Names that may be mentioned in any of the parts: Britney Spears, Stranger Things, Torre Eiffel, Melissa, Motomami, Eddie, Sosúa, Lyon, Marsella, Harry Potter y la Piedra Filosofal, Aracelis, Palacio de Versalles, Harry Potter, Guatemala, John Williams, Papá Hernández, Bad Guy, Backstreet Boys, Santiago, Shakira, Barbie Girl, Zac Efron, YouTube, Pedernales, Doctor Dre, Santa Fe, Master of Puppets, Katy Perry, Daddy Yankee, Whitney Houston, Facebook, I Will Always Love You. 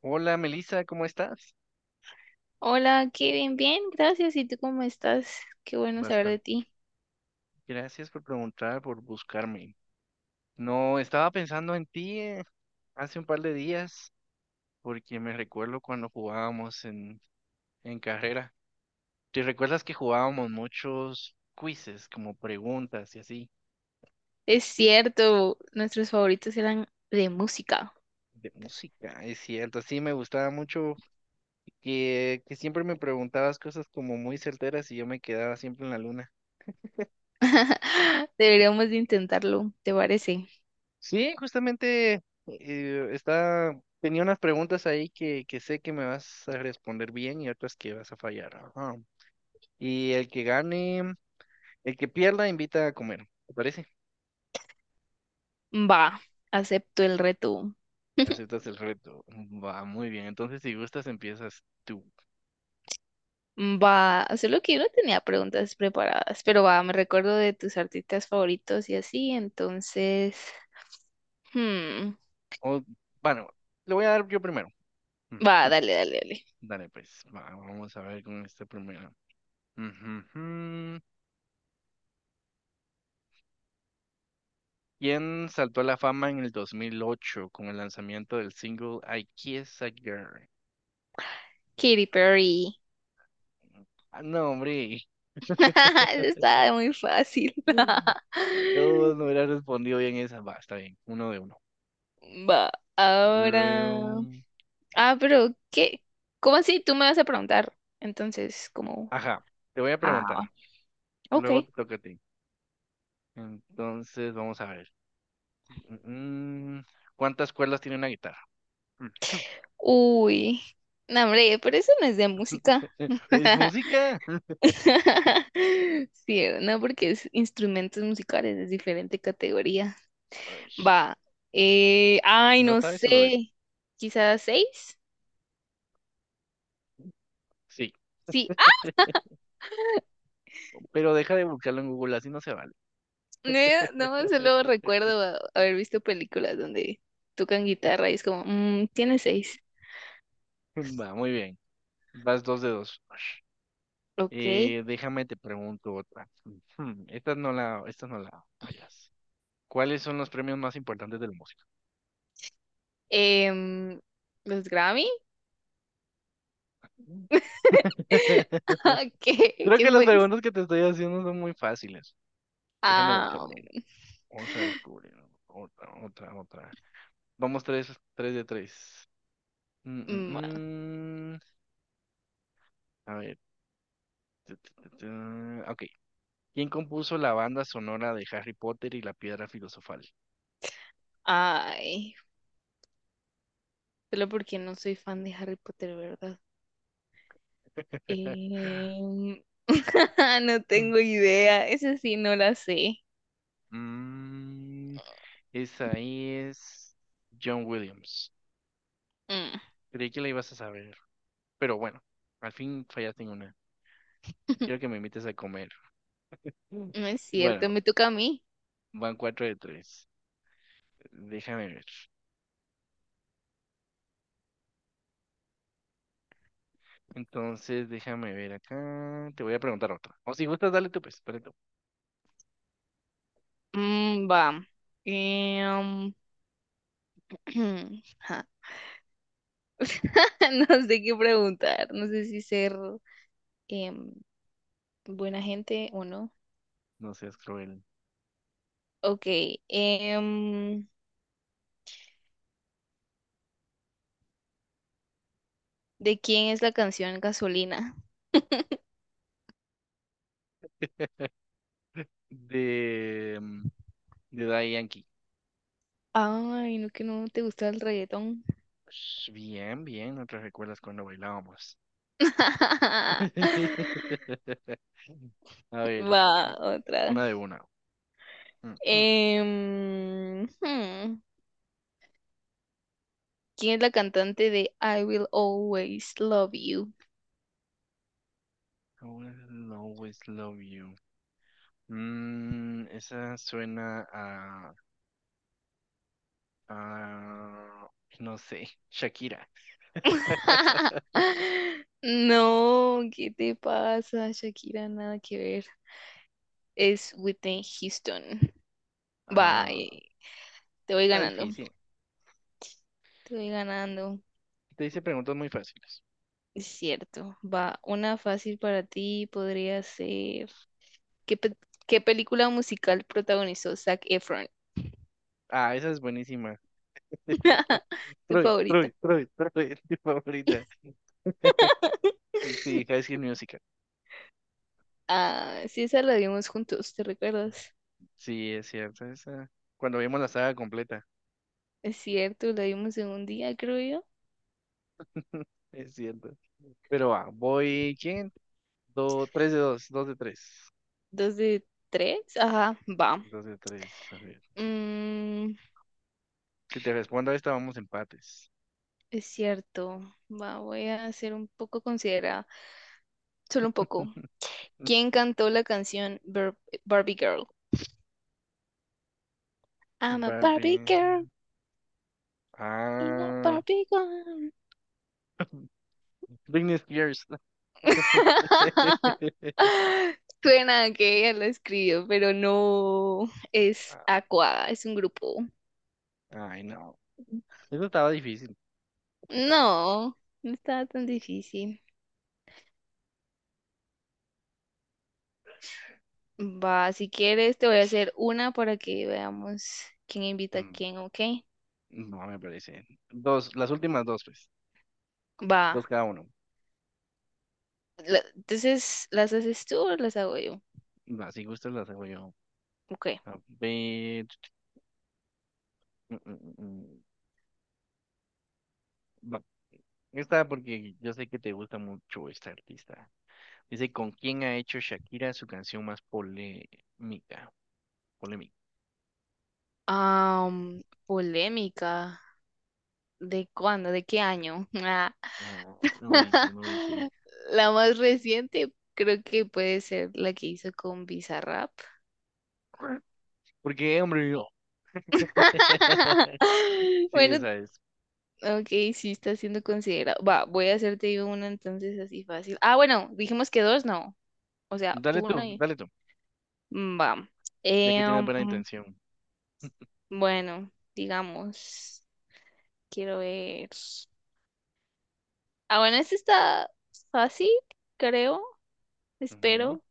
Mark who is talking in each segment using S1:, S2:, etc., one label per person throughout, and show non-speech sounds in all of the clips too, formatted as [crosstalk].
S1: Hola Melissa, ¿cómo estás?
S2: Hola, Kevin, bien, gracias. ¿Y tú cómo estás? Qué bueno saber de
S1: Bastante.
S2: ti.
S1: Gracias por preguntar, por buscarme. No, estaba pensando en ti hace un par de días, porque me recuerdo cuando jugábamos en carrera. ¿Te recuerdas que jugábamos muchos quizzes, como preguntas y así,
S2: Es cierto, nuestros favoritos eran de música.
S1: de música? Es cierto, sí, me gustaba mucho que siempre me preguntabas cosas como muy certeras y yo me quedaba siempre en la luna.
S2: [laughs] Deberíamos de intentarlo, ¿te parece?
S1: Sí, justamente tenía unas preguntas ahí que sé que me vas a responder bien y otras que vas a fallar. Ajá. Y el que gane, el que pierda, invita a comer. ¿Te parece?
S2: Va, acepto el reto. [laughs]
S1: Aceptas el reto. Va, muy bien. Entonces, si gustas, empiezas tú.
S2: Va, solo que yo no tenía preguntas preparadas, pero va, me recuerdo de tus artistas favoritos y así, entonces... hmm,
S1: O, bueno, le voy a dar yo primero.
S2: Va,
S1: Ujú.
S2: dale, dale, dale.
S1: Dale, pues, va, vamos a ver con esta primera. Ujú, ujú. ¿Quién saltó a la fama en el 2008 con el lanzamiento del single I Kiss a Girl?
S2: Katy Perry.
S1: Ah, no, hombre.
S2: [laughs] Eso está muy fácil.
S1: Mm. Yo no
S2: [laughs]
S1: hubiera respondido bien esa. Va, está bien. Uno de uno.
S2: Va,
S1: Luego...
S2: ahora. Ah, pero ¿qué? ¿Cómo así? Tú me vas a preguntar. Entonces, como.
S1: Ajá, te voy a
S2: Ah,
S1: preguntar.
S2: ok.
S1: Luego te toca a ti. Entonces, vamos a ver. Mm, ¿Cuántas cuerdas tiene una guitarra?
S2: Uy. No, hombre, pero eso no es de música.
S1: [laughs] ¿Es
S2: [laughs]
S1: música? [laughs]
S2: Sí, no, porque es instrumentos musicales, es diferente categoría.
S1: Ay,
S2: Va.
S1: si
S2: Ay,
S1: no
S2: no
S1: sabes, se lo digo.
S2: sé. Quizás seis.
S1: Sí,
S2: Sí. Ah,
S1: [laughs] pero deja de buscarlo en Google, así no se vale.
S2: no, no, solo
S1: [laughs]
S2: recuerdo haber visto películas donde tocan guitarra y es como, mm, tiene seis.
S1: Va, muy bien. Vas dos de dos.
S2: Ok.
S1: Déjame te pregunto otra. Esta no la fallas. ¿Cuáles son los premios más importantes de la música?
S2: Em, los Grammy. [laughs]
S1: [laughs]
S2: ¿Qué,
S1: Creo
S2: qué
S1: que las
S2: fue eso?
S1: preguntas que te estoy haciendo son muy fáciles. Déjame buscar
S2: Ah,
S1: uno. Vamos a descubrir. Otra, otra, otra. Vamos tres de tres. Mm,
S2: ma-
S1: mm, mm. A ver. Tu, tu, tu, tu. Ok. ¿Quién compuso la banda sonora de Harry Potter y la Piedra Filosofal?
S2: ay, solo porque no soy fan de Harry Potter, ¿verdad?
S1: [laughs]
S2: Em, [laughs] no
S1: Mm.
S2: tengo idea, esa sí no la sé.
S1: Mm, esa es John Williams.
S2: Mm,
S1: Creí que la ibas a saber. Pero bueno, al fin fallaste en una. Quiero que
S2: [laughs]
S1: me invites a comer. Mm.
S2: no es cierto,
S1: Bueno,
S2: me toca a mí.
S1: van cuatro de tres. Déjame ver. Entonces, déjame ver acá. Te voy a preguntar otra. O si gustas, dale tú, pues, dale tú.
S2: Mm, va. Em, [clears throat] ja, [laughs] no sé qué preguntar, no sé si ser em, buena gente o no.
S1: No seas cruel.
S2: Ok, em, ¿de quién es la canción Gasolina?
S1: De, mm, de Daddy Yankee.
S2: Ay, no que no te gusta el reggaetón.
S1: Sh, Bien, bien, no te recuerdas cuando bailábamos.
S2: [laughs]
S1: [laughs] A ver,
S2: Va, otra.
S1: una de una. Mm, mm.
S2: Em, hmm, ¿Quién es la cantante de I Will Always Love You?
S1: I will always love you. Esa suena a, a, no sé, Shakira.
S2: [laughs] No, ¿qué te pasa, Shakira? Nada que ver. Es Whitney Houston. Va,
S1: Ah,
S2: te voy
S1: Está
S2: ganando.
S1: difícil.
S2: Te voy ganando.
S1: Te hice preguntas muy fáciles.
S2: Es cierto. Va, una fácil para ti podría ser. ¿Qué, qué película musical protagonizó Zac Efron?
S1: Ah, esa es buenísima. [laughs]
S2: ¿Tu
S1: Troy,
S2: favorita?
S1: Troy, Troy, Troy, [laughs] mi favorita.
S2: [laughs]
S1: Sí, High School Musical.
S2: Ah, sí, esa la vimos juntos, ¿te recuerdas?
S1: Sí, es cierto. Cuando vimos la saga completa.
S2: Es cierto, la vimos en un día, creo yo.
S1: [laughs] Es cierto. Pero va, ¿quién? Tres de dos, dos de tres.
S2: Dos de tres. Ajá, va.
S1: Dos de tres, a ver.
S2: Mm,
S1: Si te respondo a esta, vamos empates.
S2: es cierto. Va, voy a ser un poco considerada. Solo un poco.
S1: [laughs]
S2: ¿Quién cantó la canción Barbie Girl? I'm a
S1: Va bien.
S2: Barbie girl in a
S1: Ah,
S2: Barbie girl.
S1: Britney Spears.
S2: [laughs]
S1: [laughs]
S2: Suena que ella lo escribió, pero no es Aqua, es un grupo.
S1: Ay, no. Eso estaba difícil. Está bien.
S2: No, no estaba tan difícil. Va, si quieres te voy a hacer una para que veamos quién invita a
S1: Mm,
S2: quién, ¿ok?
S1: No me parece. Dos, las últimas dos, pues.
S2: Va,
S1: Dos cada uno.
S2: entonces, ¿las haces tú o las hago yo?
S1: Va, si gustas las hago yo.
S2: Ok.
S1: A ver. mm, mm, mm, mm. Va. Esta porque yo sé que te gusta mucho esta artista. Dice, ¿con quién ha hecho Shakira su canción más polémica? Polémica.
S2: Am, polémica. ¿De cuándo? ¿De qué año? Ah.
S1: Ah, no dice, no dice.
S2: [laughs] La más reciente creo que puede ser la que hizo con Bizarrap.
S1: [clears throat] Porque, hombre, yo. [laughs]
S2: [laughs]
S1: Sí,
S2: Bueno,
S1: esa es.
S2: ok, sí está siendo considerado. Va, voy a hacerte yo una entonces así fácil. Ah, bueno, dijimos que dos, no. O sea, tú una y...
S1: Dale tú,
S2: Mm, va.
S1: ya que
S2: Eh,
S1: tienes buena
S2: um,
S1: intención.
S2: bueno, digamos, quiero ver. Ah, bueno, este está fácil, creo,
S1: Ujú.
S2: espero.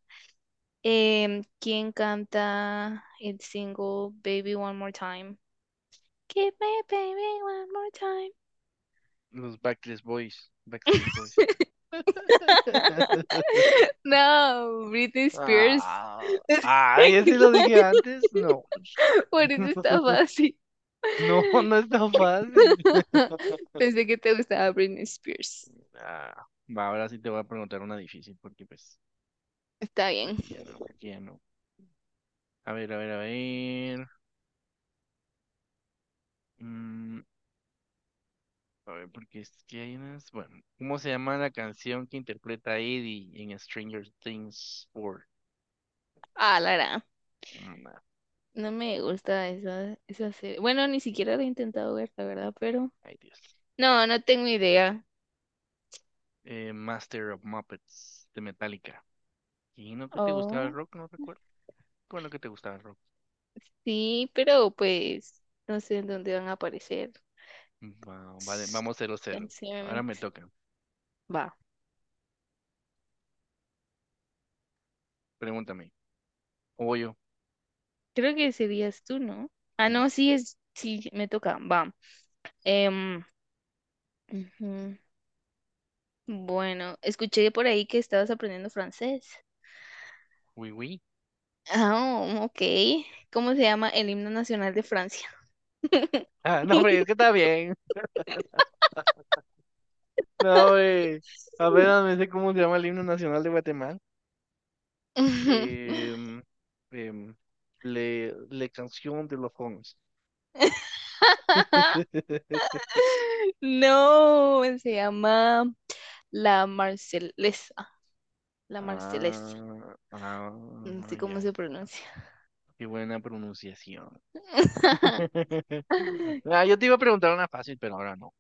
S2: ¿Quién canta el single Baby One More Time? Give me baby one more time.
S1: Los Backstreet Boys, Backstreet Boys.
S2: [laughs] [laughs]
S1: [laughs]
S2: No, Britney Spears.
S1: Ah,
S2: [laughs]
S1: ay, ese lo dije antes. No,
S2: Por eso está
S1: [laughs]
S2: fácil.
S1: no, no es tan fácil.
S2: [laughs] Pensé que te gustaba Britney Spears.
S1: Ah, va, ahora sí te voy a preguntar una difícil, porque pues,
S2: Está bien.
S1: porque ya no, porque ya no. A ver, a ver, a ver. mm, a ver, porque es que hay unas. Bueno, ¿cómo se llama la canción que interpreta Eddie en Stranger Things 4?
S2: Ah, Lara.
S1: Mm, ah,
S2: No me gusta esa, esa serie. Bueno, ni siquiera la he intentado ver, la verdad, pero.
S1: ay, Dios.
S2: No, no tengo idea.
S1: Master of Muppets de Metallica. ¿Y no que te gustaba el
S2: Oh,
S1: rock? No recuerdo. ¿Cuál es lo que te gustaba el rock?
S2: sí, pero pues no sé en dónde van a aparecer.
S1: Vale,
S2: S-
S1: vamos cero cero. Ahora me
S2: Canciones.
S1: toca.
S2: Va.
S1: Pregúntame. ¿O voy yo?
S2: Creo que serías tú, ¿no? Ah, no,
S1: Va.
S2: sí es. Sí, me toca. Va. Em, ujú. Bueno, escuché por ahí que estabas aprendiendo francés.
S1: Uy, uy.
S2: Ah, oh, ok. ¿Cómo se llama el himno nacional de Francia? [laughs]
S1: Ah, no, hombre, es que está bien. [laughs] No, hombre. Apenas me sé cómo se llama el himno nacional de Guatemala.
S2: Ujú.
S1: Em, em, le, canción de los jóvenes.
S2: [laughs]
S1: [laughs]
S2: No, se llama La Marcelesa. La Marcelesa.
S1: Ah,
S2: No
S1: ah,
S2: sé cómo
S1: ya.
S2: se pronuncia.
S1: Qué buena pronunciación.
S2: [laughs]
S1: [laughs] Ah, yo te iba a preguntar una fácil, pero ahora no.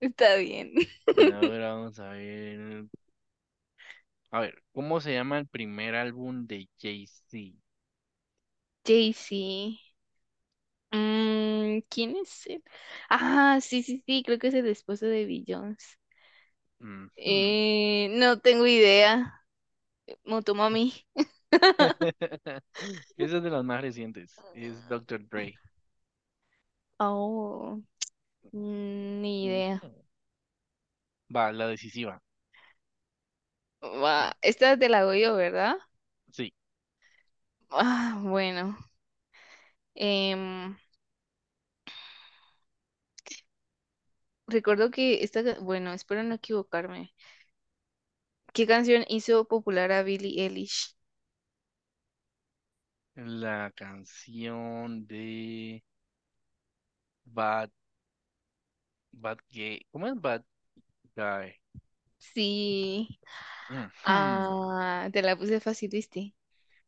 S2: Está bien.
S1: Ahora vamos a ver. A ver, ¿cómo se llama el primer álbum de Jay-Z?
S2: Jay-Z. Mm, ¿quién es él? Ah, sí, sí, sí, creo que es el esposo de Beyoncé.
S1: Ujú.
S2: No tengo idea. Motomami.
S1: [laughs] Esa es de las más recientes. Es Doctor Dre.
S2: Oh, mm, ni
S1: Ujú.
S2: idea.
S1: Va, la decisiva.
S2: Va, esta te la hago yo, ¿verdad?
S1: Sí.
S2: Ah, bueno. Em, recuerdo que esta, bueno, espero no equivocarme. ¿Qué canción hizo popular a Billie Eilish?
S1: La canción de Bad, Bad Gay. ¿Cómo es Bad Guy?
S2: Sí.
S1: Ujú.
S2: Ah, te la puse fácil, ¿viste?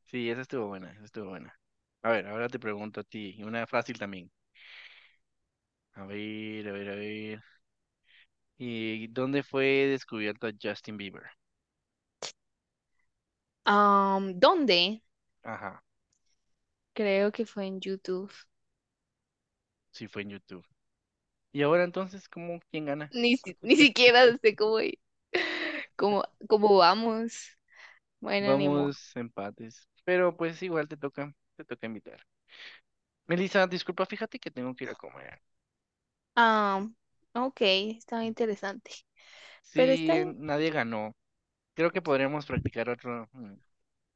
S1: Sí, esa estuvo buena, esa estuvo buena. A ver, ahora te pregunto a ti, y una fácil también. A ver, a ver, a ver. ¿Y dónde fue descubierto Justin Bieber?
S2: Am, ¿dónde?
S1: Ajá,
S2: Creo que fue en YouTube.
S1: sí fue en YouTube. Y ahora entonces, ¿cómo quién gana?
S2: Ni siquiera sé cómo vamos. Bueno, ni modo.
S1: Vamos empates. Pero pues igual te toca invitar. Melissa, disculpa, fíjate que tengo que ir a comer.
S2: Ah, ok, está interesante. Pero está
S1: Sí,
S2: bien.
S1: nadie ganó. Creo que podríamos practicar otro.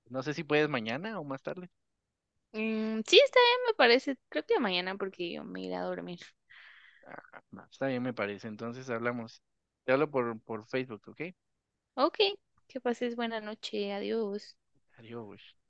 S1: No sé si puedes mañana o más tarde.
S2: Mm, sí, está bien, me parece. Creo que mañana porque yo me iré a dormir.
S1: Ah, va, está bien, me parece. Entonces hablamos. Te hablo por Facebook, ¿ok?
S2: Ok, que pases buena noche. Adiós.
S1: Adiós.